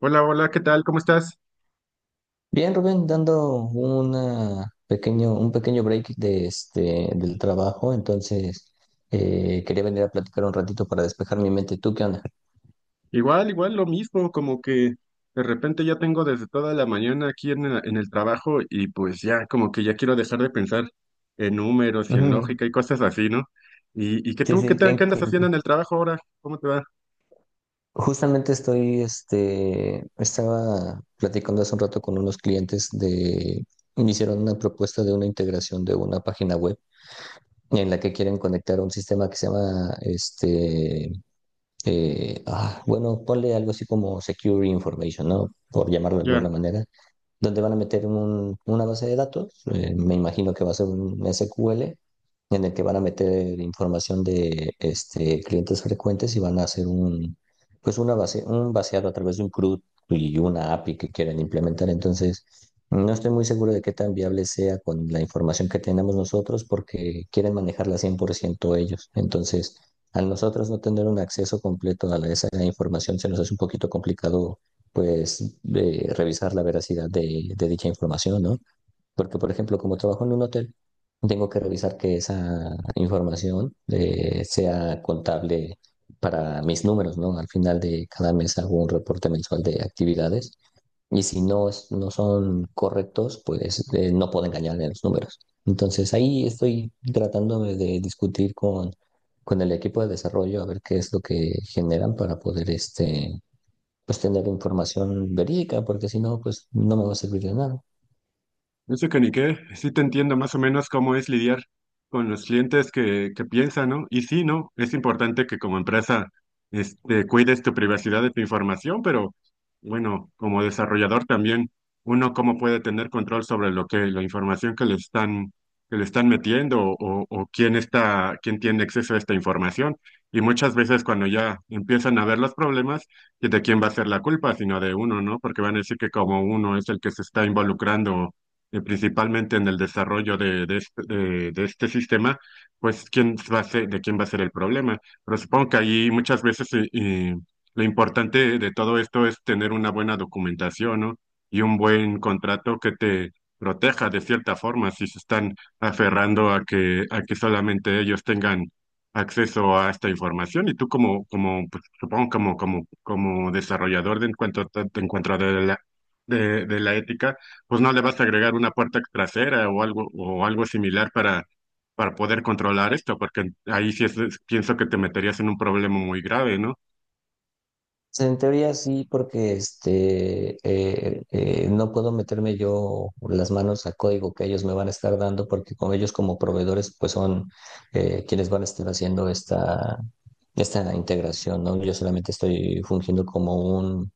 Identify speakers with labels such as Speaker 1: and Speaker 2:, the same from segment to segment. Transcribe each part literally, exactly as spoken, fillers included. Speaker 1: Hola, hola, ¿qué tal? ¿Cómo estás?
Speaker 2: Bien, Rubén, dando una pequeño, un pequeño break de este, del trabajo. Entonces eh, quería venir a platicar un ratito para despejar mi mente. ¿Tú qué onda?
Speaker 1: Igual, igual, lo mismo, como que de repente ya tengo desde toda la mañana aquí en el, en el trabajo y pues ya, como que ya quiero dejar de pensar en números y en
Speaker 2: Ujú.
Speaker 1: lógica y cosas así, ¿no? ¿Y, y que
Speaker 2: Sí,
Speaker 1: tú, ¿qué
Speaker 2: sí,
Speaker 1: tal? ¿Qué
Speaker 2: que-
Speaker 1: andas
Speaker 2: que-
Speaker 1: haciendo en el trabajo ahora? ¿Cómo te va?
Speaker 2: Justamente estoy, este, estaba platicando hace un rato con unos clientes. De, me hicieron una propuesta de una integración de una página web en la que quieren conectar un sistema que se llama, este, eh, ah, bueno, ponle algo así como Secure Information, ¿no? Por llamarlo de
Speaker 1: Ya.
Speaker 2: alguna manera, donde van a meter un- una base de datos. Eh, me imagino que va a ser un ese cu ele en el que van a meter información de este, clientes frecuentes, y van a hacer un, pues una base, un vaciado a través de un CRUD y una a pe i que quieren implementar. Entonces, no estoy muy seguro de qué tan viable sea con la información que tenemos nosotros, porque quieren manejarla cien por ciento ellos. Entonces, al nosotros no tener un acceso completo a la- esa información, se nos hace un poquito complicado, pues eh, revisar la veracidad de, de dicha información, ¿no? Porque, por ejemplo, como trabajo en un hotel, tengo que revisar que esa información eh, sea contable para mis números, ¿no? Al final de cada mes hago un reporte mensual de actividades, y si no, es- no son correctos, pues eh, no puedo engañarle a los números. Entonces ahí estoy tratándome de discutir con, con el equipo de desarrollo a ver qué es lo que generan, para poder este pues tener información verídica, porque si no, pues no me va a servir de nada.
Speaker 1: Eso que ni qué, sí te entiendo más o menos cómo es lidiar con los clientes que, que piensan, ¿no? Y sí, ¿no? Es importante que como empresa este, cuides tu privacidad de tu información, pero bueno, como desarrollador también, uno cómo puede tener control sobre lo que, la información que le están, que le están metiendo, o, o quién está, quién tiene acceso a esta información. Y muchas veces cuando ya empiezan a ver los problemas, ¿de quién va a ser la culpa? Sino de uno, ¿no? Porque van a decir que como uno es el que se está involucrando, eh, principalmente en el desarrollo de, de este, de- de este sistema, pues quién va a ser, de quién va a ser el problema. Pero supongo que ahí muchas veces eh, eh, lo importante de todo esto es tener una buena documentación, ¿no? Y un buen contrato que te proteja de cierta forma si se están aferrando a que, a que solamente ellos tengan acceso a esta información, y tú como, como pues, supongo como, como, como desarrollador, de en cuanto te, en cuanto de la, de de la ética, pues no le vas a agregar una puerta trasera o algo o algo similar para para poder controlar esto, porque ahí sí es, es- pienso que te meterías en un problema muy grave, ¿no?
Speaker 2: En teoría sí, porque este, eh, eh, no puedo meterme yo las manos a código que ellos me van a estar dando, porque con ellos como proveedores, pues son eh, quienes van a estar haciendo esta, esta integración, ¿no? Yo solamente estoy fungiendo como un,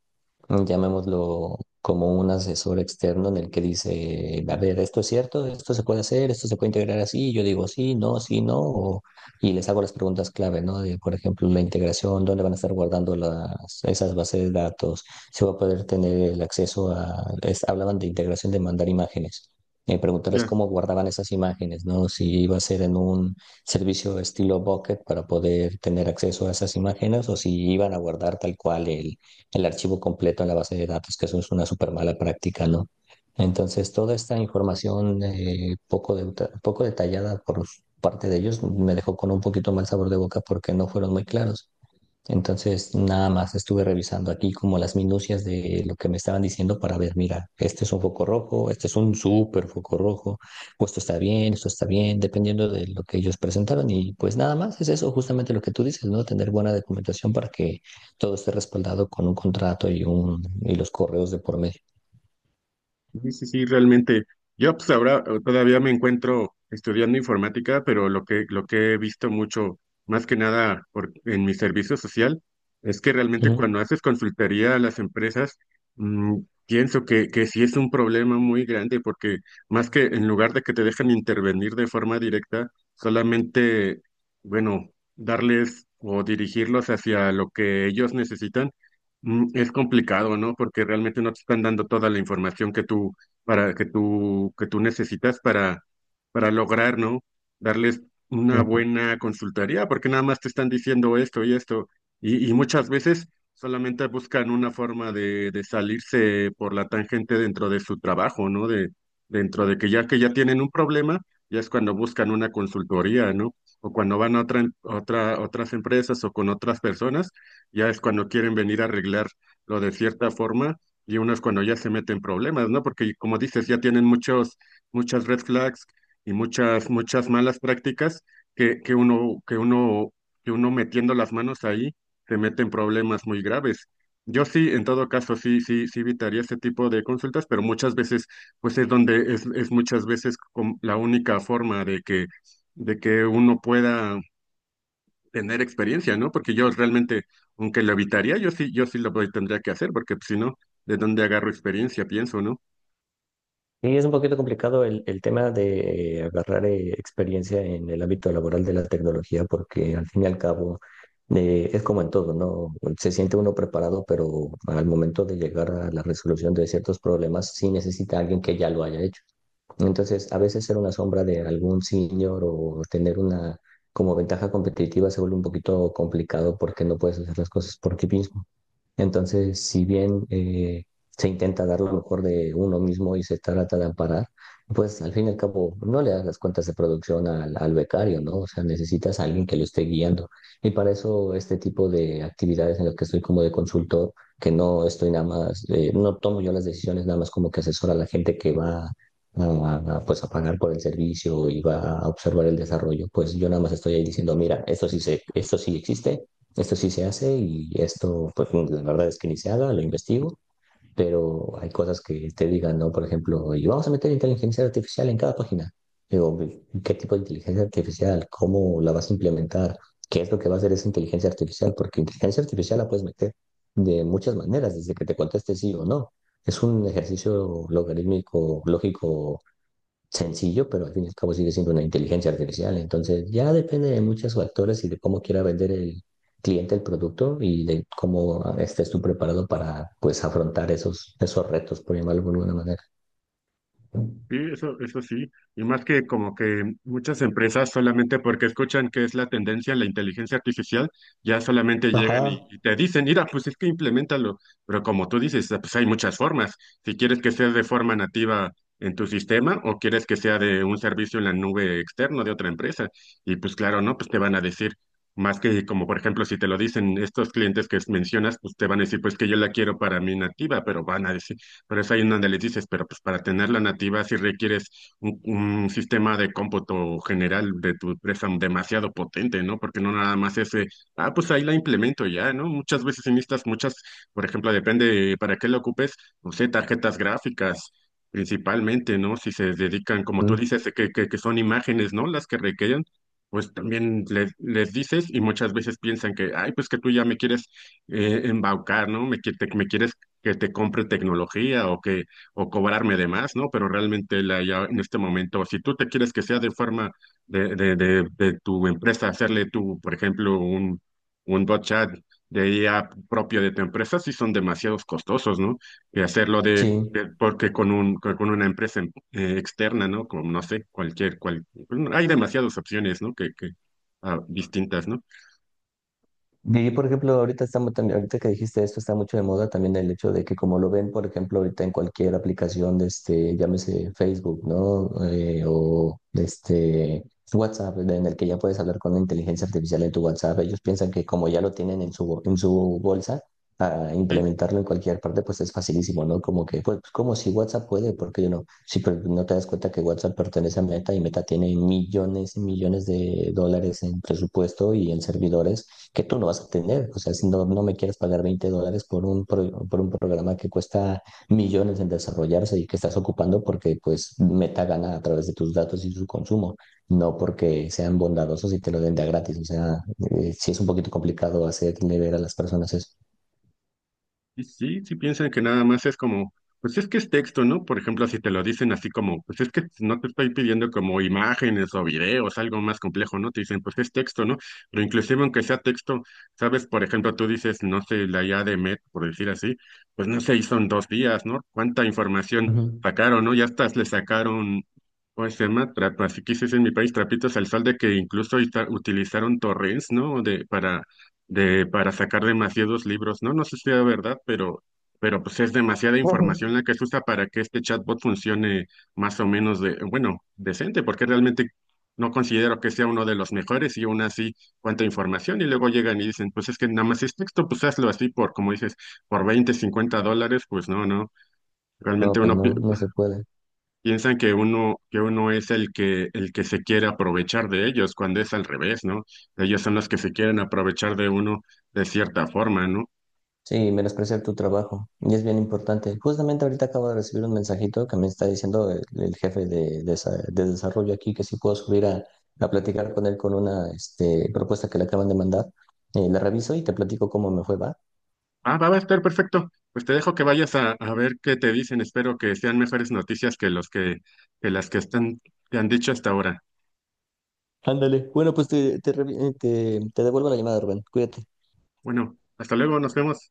Speaker 2: llamémoslo como un asesor externo, en el que dice, a ver, esto es cierto, esto se puede hacer, esto se puede integrar así, y yo digo sí, no, sí, no, o- Y les hago las preguntas clave, ¿no? De, por ejemplo, la integración, dónde van a estar guardando las, esas bases de datos, si va a poder tener el acceso a, es- hablaban de integración de mandar imágenes. Eh, preguntarles
Speaker 1: Ya.
Speaker 2: cómo guardaban esas imágenes, ¿no? Si iba a ser en un servicio estilo Bucket para poder tener acceso a esas imágenes, o si iban a guardar tal cual el, el archivo completo en la base de datos, que eso es una súper mala práctica, ¿no? Entonces, toda esta información eh, poco, de- poco detallada por parte de ellos, me dejó con un poquito mal sabor de boca, porque no fueron muy claros. Entonces, nada más estuve revisando aquí como las minucias de lo que me estaban diciendo para ver, mira, este es un foco rojo, este es un súper foco rojo, o esto está bien, esto está bien, dependiendo de lo que ellos presentaron. Y pues nada más es eso, justamente lo que tú dices, ¿no? Tener buena documentación para que todo esté respaldado con un contrato y, un, y los correos de por medio.
Speaker 1: Sí, sí, sí, realmente. Yo pues ahora, eh, todavía me encuentro estudiando informática, pero lo que, lo que he visto mucho, más que nada por, en mi servicio social, es que realmente
Speaker 2: Ujú.
Speaker 1: cuando haces consultoría a las empresas, mm, pienso que, que sí es un problema muy grande, porque más que en lugar de que te dejen intervenir de forma directa, solamente, bueno, darles o dirigirlos hacia lo que ellos necesitan. Mm. Es complicado, ¿no? Porque realmente no te están dando toda la información que tú para que tú que tú necesitas para para lograr, ¿no? Darles una
Speaker 2: Ujú.
Speaker 1: buena consultoría, porque nada más te están diciendo esto y esto y, y muchas veces solamente buscan una forma de, de salirse por la tangente dentro de su trabajo, ¿no? De dentro de que ya que ya tienen un problema, ya es cuando buscan una consultoría, ¿no? O cuando van a otra otra otras empresas o con otras personas, ya es cuando quieren venir a arreglarlo de cierta forma, y uno es cuando ya se meten problemas, ¿no? Porque como dices, ya tienen muchos, muchas red flags y muchas, muchas malas prácticas que, que uno, que uno, que uno metiendo las manos ahí se mete en problemas muy graves. Yo sí, en todo caso, sí, sí, sí evitaría ese tipo de consultas, pero muchas veces, pues es donde es, es muchas veces como la única forma de que, de que uno pueda tener experiencia, ¿no? Porque yo realmente, aunque lo evitaría, yo sí, yo sí lo voy- tendría que hacer, porque pues, si no, ¿de dónde agarro experiencia? Pienso, ¿no?
Speaker 2: Y es un poquito complicado el, el tema de agarrar eh, experiencia en el ámbito laboral de la tecnología, porque al fin y al cabo eh, es como en todo, ¿no? Se siente uno preparado, pero al momento de llegar a la resolución de ciertos problemas, sí necesita alguien que ya lo haya hecho. Entonces, a veces ser una sombra de algún senior o tener una como ventaja competitiva se vuelve un poquito complicado, porque no puedes hacer las cosas por ti mismo. Entonces, si bien eh, se intenta dar lo mejor de uno mismo y se trata de amparar, pues al fin y al cabo no le das las cuentas de producción al, al becario, ¿no? O sea, necesitas a alguien que lo esté guiando. Y para eso este tipo de actividades en las que estoy como de consultor, que no estoy nada más, eh, no tomo yo las decisiones, nada más como que asesora a la gente que va a, a, pues a pagar por el servicio y va a observar el desarrollo. Pues yo nada más estoy ahí diciendo, mira, esto sí se, esto sí existe, esto sí se hace, y esto, pues la verdad es que ni se haga, lo investigo. Pero hay cosas que te digan, ¿no? Por ejemplo, y vamos a meter inteligencia artificial en cada página. Digo, ¿qué tipo de inteligencia artificial? ¿Cómo la vas a implementar? ¿Qué es lo que va a hacer esa inteligencia artificial? Porque inteligencia artificial la puedes meter de muchas maneras, desde que te conteste sí o no. Es un ejercicio logarítmico, lógico, sencillo, pero al fin y al cabo sigue siendo una inteligencia artificial. Entonces ya depende de muchos factores y de cómo quiera vender el cliente el producto, y de cómo estés tú preparado para, pues, afrontar esos, esos retos, por llamarlo de alguna manera.
Speaker 1: Sí, eso, eso sí. Y más que como que muchas empresas solamente porque escuchan que es la tendencia la inteligencia artificial, ya solamente llegan
Speaker 2: Ajá.
Speaker 1: y, y te dicen, mira, pues es que implementalo. Pero como tú dices, ah, pues hay muchas formas. Si quieres que sea de forma nativa en tu sistema, o quieres que sea de un servicio en la nube externo de otra empresa. Y pues claro, ¿no? Pues te van a decir. Más que como por ejemplo, si te lo dicen estos clientes que mencionas, pues te van a decir pues que yo la quiero para mí nativa, pero van a decir, por eso hay una donde les dices, pero pues para tenerla nativa sí requieres un, un sistema de cómputo general de tu empresa demasiado potente, ¿no? Porque no nada más ese, ah, pues ahí la implemento y ya, ¿no? Muchas veces en estas, muchas, por ejemplo, depende para qué lo ocupes, no sé, tarjetas gráficas. Principalmente, ¿no? Si se dedican, como tú
Speaker 2: Mm.
Speaker 1: dices, que, que, que son imágenes, ¿no? Las que requieren, pues también les, les dices, y muchas veces piensan que, ay, pues que tú ya me quieres, eh, embaucar, ¿no? Me, qui- te- me quieres que te compre tecnología, o que o cobrarme de más, ¿no? Pero realmente la ya en este momento, si tú te quieres que sea de forma de, de, de, de tu empresa, hacerle tú, por ejemplo, un, un bot chat de I A propio de tu empresa, sí son demasiados costosos, ¿no? Y hacerlo
Speaker 2: Sí.
Speaker 1: de de- porque con un con con una empresa em- eh, externa, ¿no? Como no sé, cualquier cual hay demasiadas opciones, ¿no? Que que ah, distintas, ¿no?
Speaker 2: Y por ejemplo, ahorita estamos también, ahorita que dijiste esto, está mucho de moda también el hecho de que, como lo ven, por ejemplo, ahorita en cualquier aplicación de este, llámese Facebook, ¿no? Eh, o de este WhatsApp, en el que ya puedes hablar con la inteligencia artificial de tu WhatsApp, ellos piensan que como ya lo tienen en su, bo- en su bolsa, a
Speaker 1: Sí.
Speaker 2: implementarlo en cualquier parte, pues es facilísimo, ¿no? Como que, pues, como si WhatsApp puede, ¿por qué yo no? Sí, pero no te das cuenta que WhatsApp pertenece a Meta, y Meta tiene millones y millones de dólares en presupuesto y en servidores que tú no vas a tener. O sea, si no, no me quieres pagar veinte dólares por un, pro- por un programa que cuesta millones en desarrollarse, y que estás ocupando porque pues Meta gana a través de tus datos y su consumo, no porque sean bondadosos y te lo den de a gratis. O sea, eh, sí es un poquito complicado hacerle ver a las personas eso.
Speaker 1: Y sí, sí piensan que nada más es como, pues es que es texto, ¿no? Por ejemplo, si te lo dicen así como, pues es que no te estoy pidiendo como imágenes o videos, algo más complejo, ¿no? Te dicen, pues es texto, ¿no? Pero inclusive aunque sea texto, sabes, por ejemplo, tú dices, no sé, la I A de Met, por decir así, pues no se hizo en dos días, ¿no? ¿Cuánta información
Speaker 2: Ujú.
Speaker 1: sacaron? ¿No? Ya hasta le sacaron, ¿cómo se llama? Trap- así que se dice en mi país, trapitos al sol, de que incluso ita- utilizaron torrents, ¿no? De, para de para sacar demasiados libros, ¿no? No sé si sea verdad, pero, pero, pues es demasiada
Speaker 2: Ujú.
Speaker 1: información la que se usa para que este chatbot funcione más o menos de, bueno, decente, porque realmente no considero que sea uno de los mejores, y aún así cuánta información, y luego llegan y dicen, pues es que nada más es texto, pues hazlo así por, como dices, por veinte cincuenta dólares, pues no, no, realmente
Speaker 2: No, pues
Speaker 1: uno pi-
Speaker 2: no, no se puede.
Speaker 1: piensan que uno, que uno es el que, el que se quiere aprovechar de ellos, cuando es al revés, ¿no? Ellos son los que se quieren aprovechar de uno de cierta forma, ¿no?
Speaker 2: Sí, menospreciar tu trabajo. Y es bien importante. Justamente ahorita acabo de recibir un mensajito que me está diciendo el, el jefe de, de, esa- de desarrollo aquí, que si puedo subir a, a platicar con él con una, este, propuesta que le acaban de mandar. Eh, la reviso y te platico cómo me fue, ¿va?
Speaker 1: Ah, va va a estar perfecto. Pues te dejo que vayas a, a ver qué te dicen. Espero que sean mejores noticias que los que, que las que están, te han dicho hasta ahora.
Speaker 2: Ándale. Bueno, pues te, te, revi- eh, te te devuelvo la llamada, Rubén. Cuídate.
Speaker 1: Bueno, hasta luego, nos vemos.